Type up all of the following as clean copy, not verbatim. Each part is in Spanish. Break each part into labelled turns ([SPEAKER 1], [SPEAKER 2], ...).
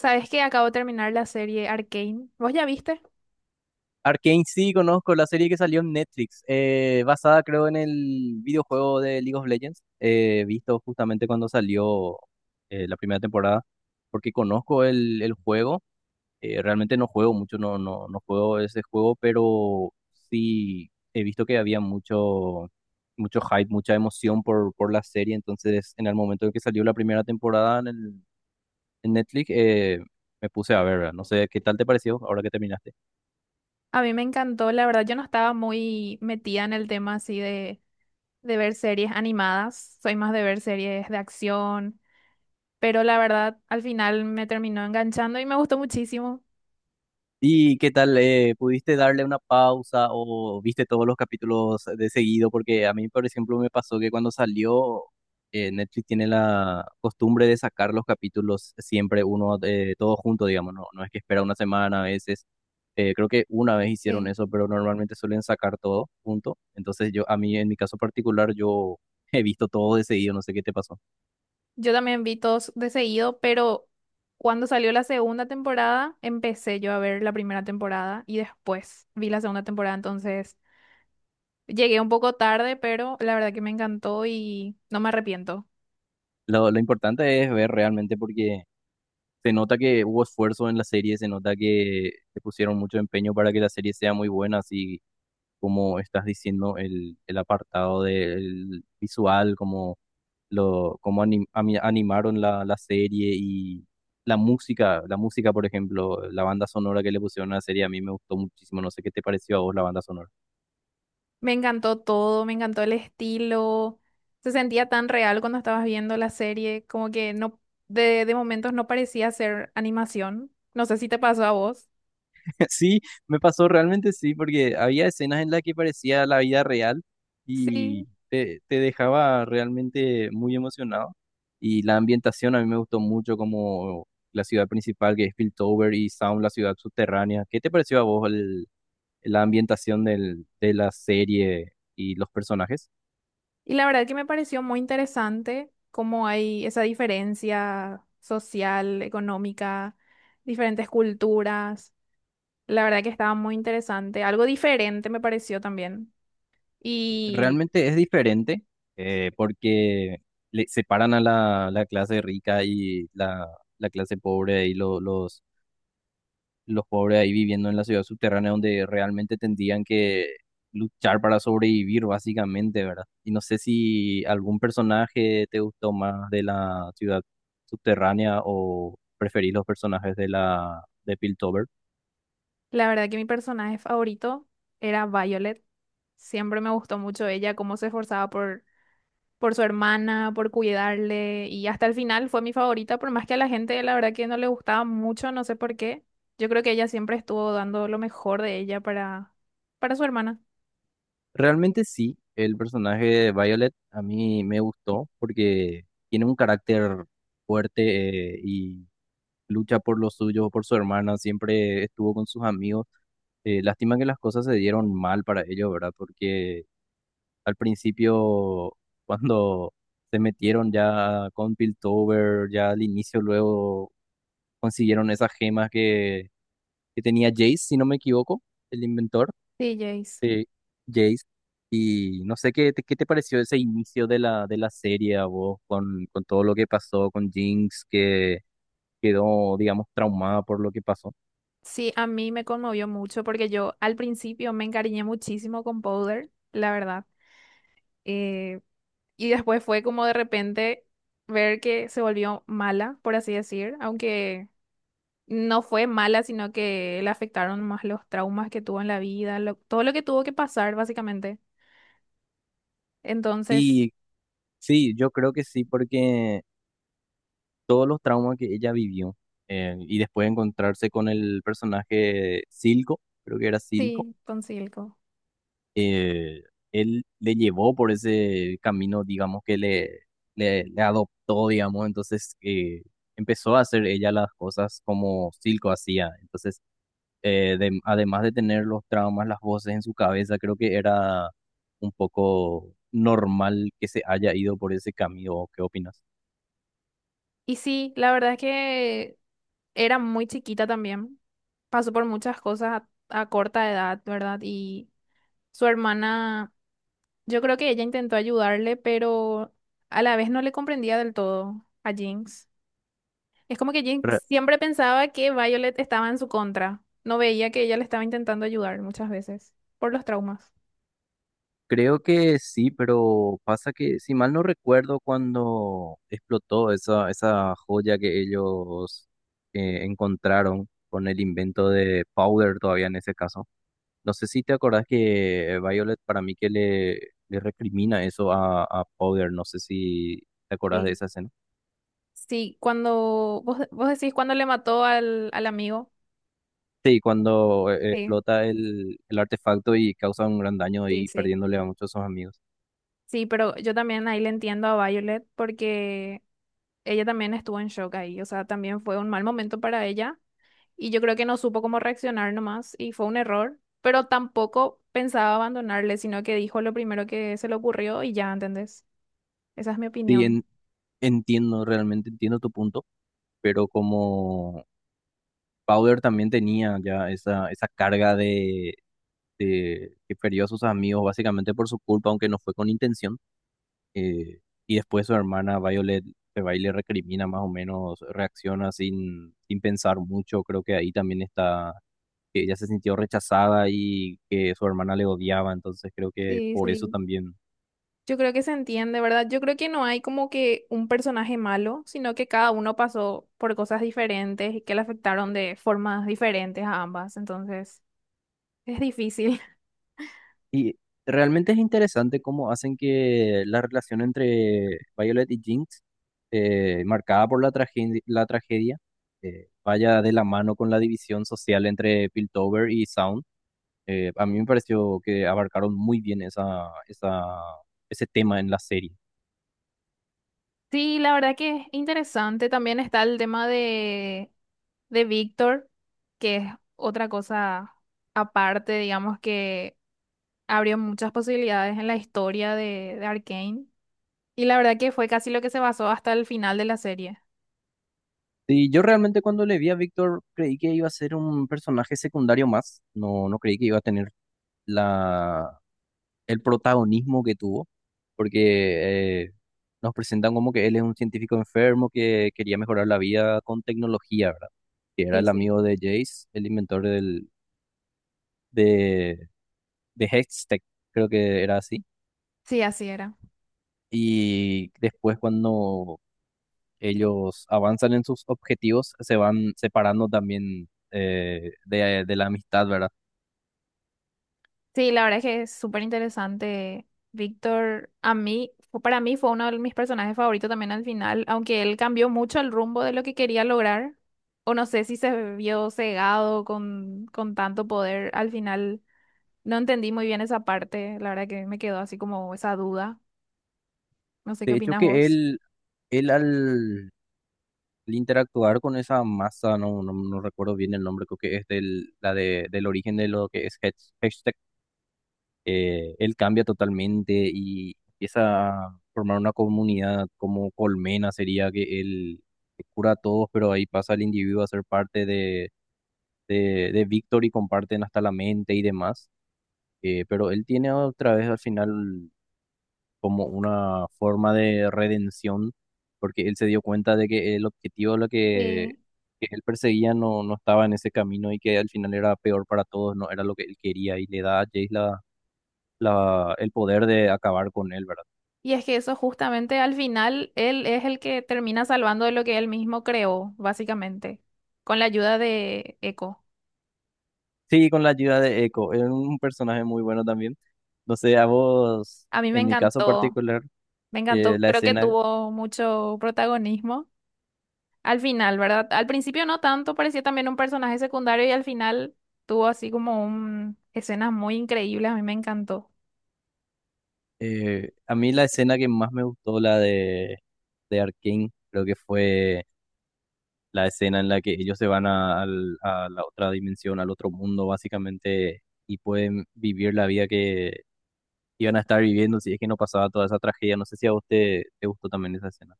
[SPEAKER 1] ¿Sabes que acabo de terminar la serie Arcane? ¿Vos ya viste?
[SPEAKER 2] Arcane sí conozco la serie que salió en Netflix, basada creo en el videojuego de League of Legends, visto justamente cuando salió la primera temporada, porque conozco el juego. Realmente no juego mucho, no juego ese juego, pero sí he visto que había mucho hype, mucha emoción por la serie. Entonces en el momento en que salió la primera temporada en Netflix, me puse a ver, ¿verdad? No sé qué tal te pareció ahora que terminaste.
[SPEAKER 1] A mí me encantó, la verdad yo no estaba muy metida en el tema así de ver series animadas, soy más de ver series de acción, pero la verdad al final me terminó enganchando y me gustó muchísimo.
[SPEAKER 2] ¿Y qué tal? ¿Pudiste darle una pausa o viste todos los capítulos de seguido? Porque a mí, por ejemplo, me pasó que cuando salió, Netflix tiene la costumbre de sacar los capítulos siempre uno, todo junto, digamos, no, no es que espera una semana a veces. Creo que una vez hicieron
[SPEAKER 1] Sí.
[SPEAKER 2] eso, pero normalmente suelen sacar todo junto. Entonces yo, a mí, en mi caso particular, yo he visto todo de seguido, no sé qué te pasó.
[SPEAKER 1] Yo también vi todos de seguido, pero cuando salió la segunda temporada empecé yo a ver la primera temporada y después vi la segunda temporada, entonces llegué un poco tarde, pero la verdad que me encantó y no me arrepiento.
[SPEAKER 2] Lo importante es ver realmente, porque se nota que hubo esfuerzo en la serie, se nota que le pusieron mucho empeño para que la serie sea muy buena, así como estás diciendo, el apartado del visual, como cómo animaron la serie y la música, por ejemplo, la banda sonora que le pusieron a la serie, a mí me gustó muchísimo. No sé qué te pareció a vos la banda sonora.
[SPEAKER 1] Me encantó todo, me encantó el estilo. Se sentía tan real cuando estabas viendo la serie, como que no, de momentos no parecía ser animación. No sé si te pasó a vos.
[SPEAKER 2] Sí, me pasó realmente sí, porque había escenas en las que parecía la vida real
[SPEAKER 1] Sí.
[SPEAKER 2] y te dejaba realmente muy emocionado. Y la ambientación a mí me gustó mucho, como la ciudad principal que es Piltover y Sound, la ciudad subterránea. ¿Qué te pareció a vos el- la ambientación del- de la serie y los personajes?
[SPEAKER 1] Y la verdad que me pareció muy interesante cómo hay esa diferencia social, económica, diferentes culturas. La verdad que estaba muy interesante. Algo diferente me pareció también. Y
[SPEAKER 2] Realmente es diferente, porque le separan a la clase rica y la clase pobre y lo- los pobres ahí viviendo en la ciudad subterránea donde realmente tendrían que luchar para sobrevivir, básicamente, ¿verdad? Y no sé si algún personaje te gustó más de la ciudad subterránea o preferís los personajes de la de Piltover.
[SPEAKER 1] la verdad que mi personaje favorito era Violet. Siempre me gustó mucho ella, cómo se esforzaba por su hermana, por cuidarle y hasta el final fue mi favorita, por más que a la gente la verdad que no le gustaba mucho, no sé por qué. Yo creo que ella siempre estuvo dando lo mejor de ella para su hermana.
[SPEAKER 2] Realmente sí, el personaje de Violet a mí me gustó porque tiene un carácter fuerte, y lucha por los suyos, por su hermana, siempre estuvo con sus amigos. Lástima que las cosas se dieron mal para ellos, ¿verdad? Porque al principio, cuando se metieron ya con Piltover, ya al inicio luego consiguieron esas gemas que tenía Jace, si no me equivoco, el inventor
[SPEAKER 1] Sí, Jace.
[SPEAKER 2] de Jace. Y no sé qué te pareció ese inicio de de la serie a vos, con todo lo que pasó con Jinx, que quedó, digamos, traumada por lo que pasó.
[SPEAKER 1] Sí, a mí me conmovió mucho porque yo al principio me encariñé muchísimo con Powder, la verdad. Eh, Y después fue como de repente ver que se volvió mala, por así decir, aunque no fue mala, sino que le afectaron más los traumas que tuvo en la vida, todo lo que tuvo que pasar, básicamente. Entonces,
[SPEAKER 2] Y sí, yo creo que sí, porque todos los traumas que ella vivió, y después encontrarse con el personaje Silco, creo que era Silco,
[SPEAKER 1] sí, con Silco.
[SPEAKER 2] eh, él le llevó por ese camino, digamos, que le, le adoptó, digamos, entonces empezó a hacer ella las cosas como Silco hacía. Entonces, de- además de tener los traumas, las voces en su cabeza, creo que era un poco normal que se haya ido por ese camino. ¿Qué opinas?
[SPEAKER 1] Y sí, la verdad es que era muy chiquita también. Pasó por muchas cosas a corta edad, ¿verdad? Y su hermana, yo creo que ella intentó ayudarle, pero a la vez no le comprendía del todo a Jinx. Es como que Jake siempre pensaba que Violet estaba en su contra. No veía que ella le estaba intentando ayudar muchas veces por los traumas.
[SPEAKER 2] Creo que sí, pero pasa que, si mal no recuerdo, cuando explotó esa joya que ellos encontraron con el invento de Powder todavía en ese caso. No sé si te acordás que Violet para mí que le recrimina eso a Powder, no sé si te acordás de
[SPEAKER 1] Sí,
[SPEAKER 2] esa escena.
[SPEAKER 1] sí, cuando vos decís cuando le mató al amigo.
[SPEAKER 2] Sí, cuando
[SPEAKER 1] Sí,
[SPEAKER 2] explota el artefacto y causa un gran daño
[SPEAKER 1] sí,
[SPEAKER 2] y
[SPEAKER 1] sí.
[SPEAKER 2] perdiéndole a muchos de sus amigos.
[SPEAKER 1] Sí, pero yo también ahí le entiendo a Violet porque ella también estuvo en shock ahí. O sea, también fue un mal momento para ella y yo creo que no supo cómo reaccionar nomás y fue un error, pero tampoco pensaba abandonarle, sino que dijo lo primero que se le ocurrió y ya, ¿entendés? Esa es mi
[SPEAKER 2] Sí,
[SPEAKER 1] opinión.
[SPEAKER 2] en- entiendo, realmente entiendo tu punto, pero como Powder también tenía ya esa carga de que perdió a sus amigos básicamente por su culpa, aunque no fue con intención. eh, y después su hermana Violet se va y le recrimina más o menos, reacciona sin pensar mucho. Creo que ahí también está, que ella se sintió rechazada y que su hermana le odiaba, entonces creo que
[SPEAKER 1] Sí,
[SPEAKER 2] por eso
[SPEAKER 1] sí.
[SPEAKER 2] también.
[SPEAKER 1] Yo creo que se entiende, ¿verdad? Yo creo que no hay como que un personaje malo, sino que cada uno pasó por cosas diferentes y que le afectaron de formas diferentes a ambas. Entonces, es difícil.
[SPEAKER 2] Y realmente es interesante cómo hacen que la relación entre Violet y Jinx, marcada por la tragedia, la tragedia, vaya de la mano con la división social entre Piltover y Sound. A mí me pareció que abarcaron muy bien ese tema en la serie.
[SPEAKER 1] Sí, la verdad que es interesante. También está el tema de Víctor, que es otra cosa aparte, digamos, que abrió muchas posibilidades en la historia de Arcane. Y la verdad que fue casi lo que se basó hasta el final de la serie.
[SPEAKER 2] Y yo realmente cuando le vi a Víctor creí que iba a ser un personaje secundario más, no, no creí que iba a tener la el protagonismo que tuvo, porque nos presentan como que él es un científico enfermo que quería mejorar la vida con tecnología, ¿verdad? Que era
[SPEAKER 1] Sí,
[SPEAKER 2] el
[SPEAKER 1] sí.
[SPEAKER 2] amigo de Jace, el inventor de, de Hextech, creo que era así.
[SPEAKER 1] Sí, así era.
[SPEAKER 2] Y después cuando ellos avanzan en sus objetivos, se van separando también, de la amistad, ¿verdad?
[SPEAKER 1] Sí, la verdad es que es súper interesante. Víctor, a mí, para mí fue uno de mis personajes favoritos también al final, aunque él cambió mucho el rumbo de lo que quería lograr, o no sé si se vio cegado con tanto poder, al final no entendí muy bien esa parte, la verdad que me quedó así como esa duda, no sé qué
[SPEAKER 2] De hecho
[SPEAKER 1] opinas
[SPEAKER 2] que
[SPEAKER 1] vos.
[SPEAKER 2] él al el interactuar con esa masa, no recuerdo bien el nombre, creo que es del, la de, del origen de lo que es hash- hashtag. Él cambia totalmente y empieza a formar una comunidad como colmena, sería que él cura a todos, pero ahí pasa el individuo a ser parte de Victor y comparten hasta la mente y demás. Pero él tiene otra vez al final como una forma de redención, porque él se dio cuenta de que el objetivo lo
[SPEAKER 1] Sí.
[SPEAKER 2] que él perseguía no, no estaba en ese camino y que al final era peor para todos, no era lo que él quería, y le da a Jace la, la- el poder de acabar con él, ¿verdad?
[SPEAKER 1] Y es que eso justamente al final, él es el que termina salvando de lo que él mismo creó, básicamente, con la ayuda de Echo.
[SPEAKER 2] Sí, con la ayuda de Echo, es un personaje muy bueno también. No sé, a vos,
[SPEAKER 1] A mí me
[SPEAKER 2] en mi caso
[SPEAKER 1] encantó.
[SPEAKER 2] particular,
[SPEAKER 1] Me
[SPEAKER 2] eh,
[SPEAKER 1] encantó,
[SPEAKER 2] la
[SPEAKER 1] creo que
[SPEAKER 2] escena,
[SPEAKER 1] tuvo mucho protagonismo al final, ¿verdad? Al principio no tanto, parecía también un personaje secundario y al final tuvo así como un escenas muy increíbles, a mí me encantó.
[SPEAKER 2] a mí la escena que más me gustó, la de Arkane, creo que fue la escena en la que ellos se van a, al- a la otra dimensión, al otro mundo, básicamente, y pueden vivir la vida que iban a estar viviendo si es que no pasaba toda esa tragedia. No sé si a usted te gustó también esa escena.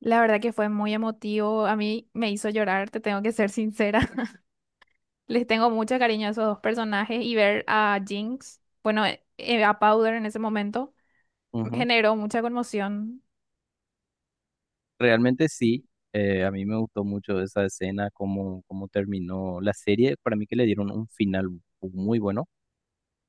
[SPEAKER 1] La verdad que fue muy emotivo, a mí me hizo llorar, te tengo que ser sincera. Les tengo mucho cariño a esos dos personajes y ver a Jinx, bueno, a Powder en ese momento, me
[SPEAKER 2] Ujú.
[SPEAKER 1] generó mucha conmoción.
[SPEAKER 2] Realmente sí, a mí me gustó mucho esa escena, cómo terminó la serie. Para mí que le dieron un final muy bueno,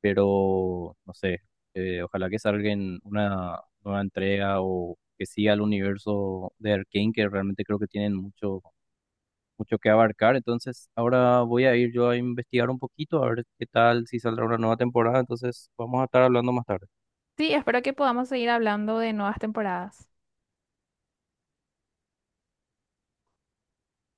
[SPEAKER 2] pero no sé, ojalá que salga en una nueva entrega o que siga el universo de Arkane, que realmente creo que tienen mucho que abarcar. Entonces, ahora voy a ir yo a investigar un poquito, a ver qué tal, si saldrá una nueva temporada. Entonces, vamos a estar hablando más tarde.
[SPEAKER 1] Sí, espero que podamos seguir hablando de nuevas temporadas.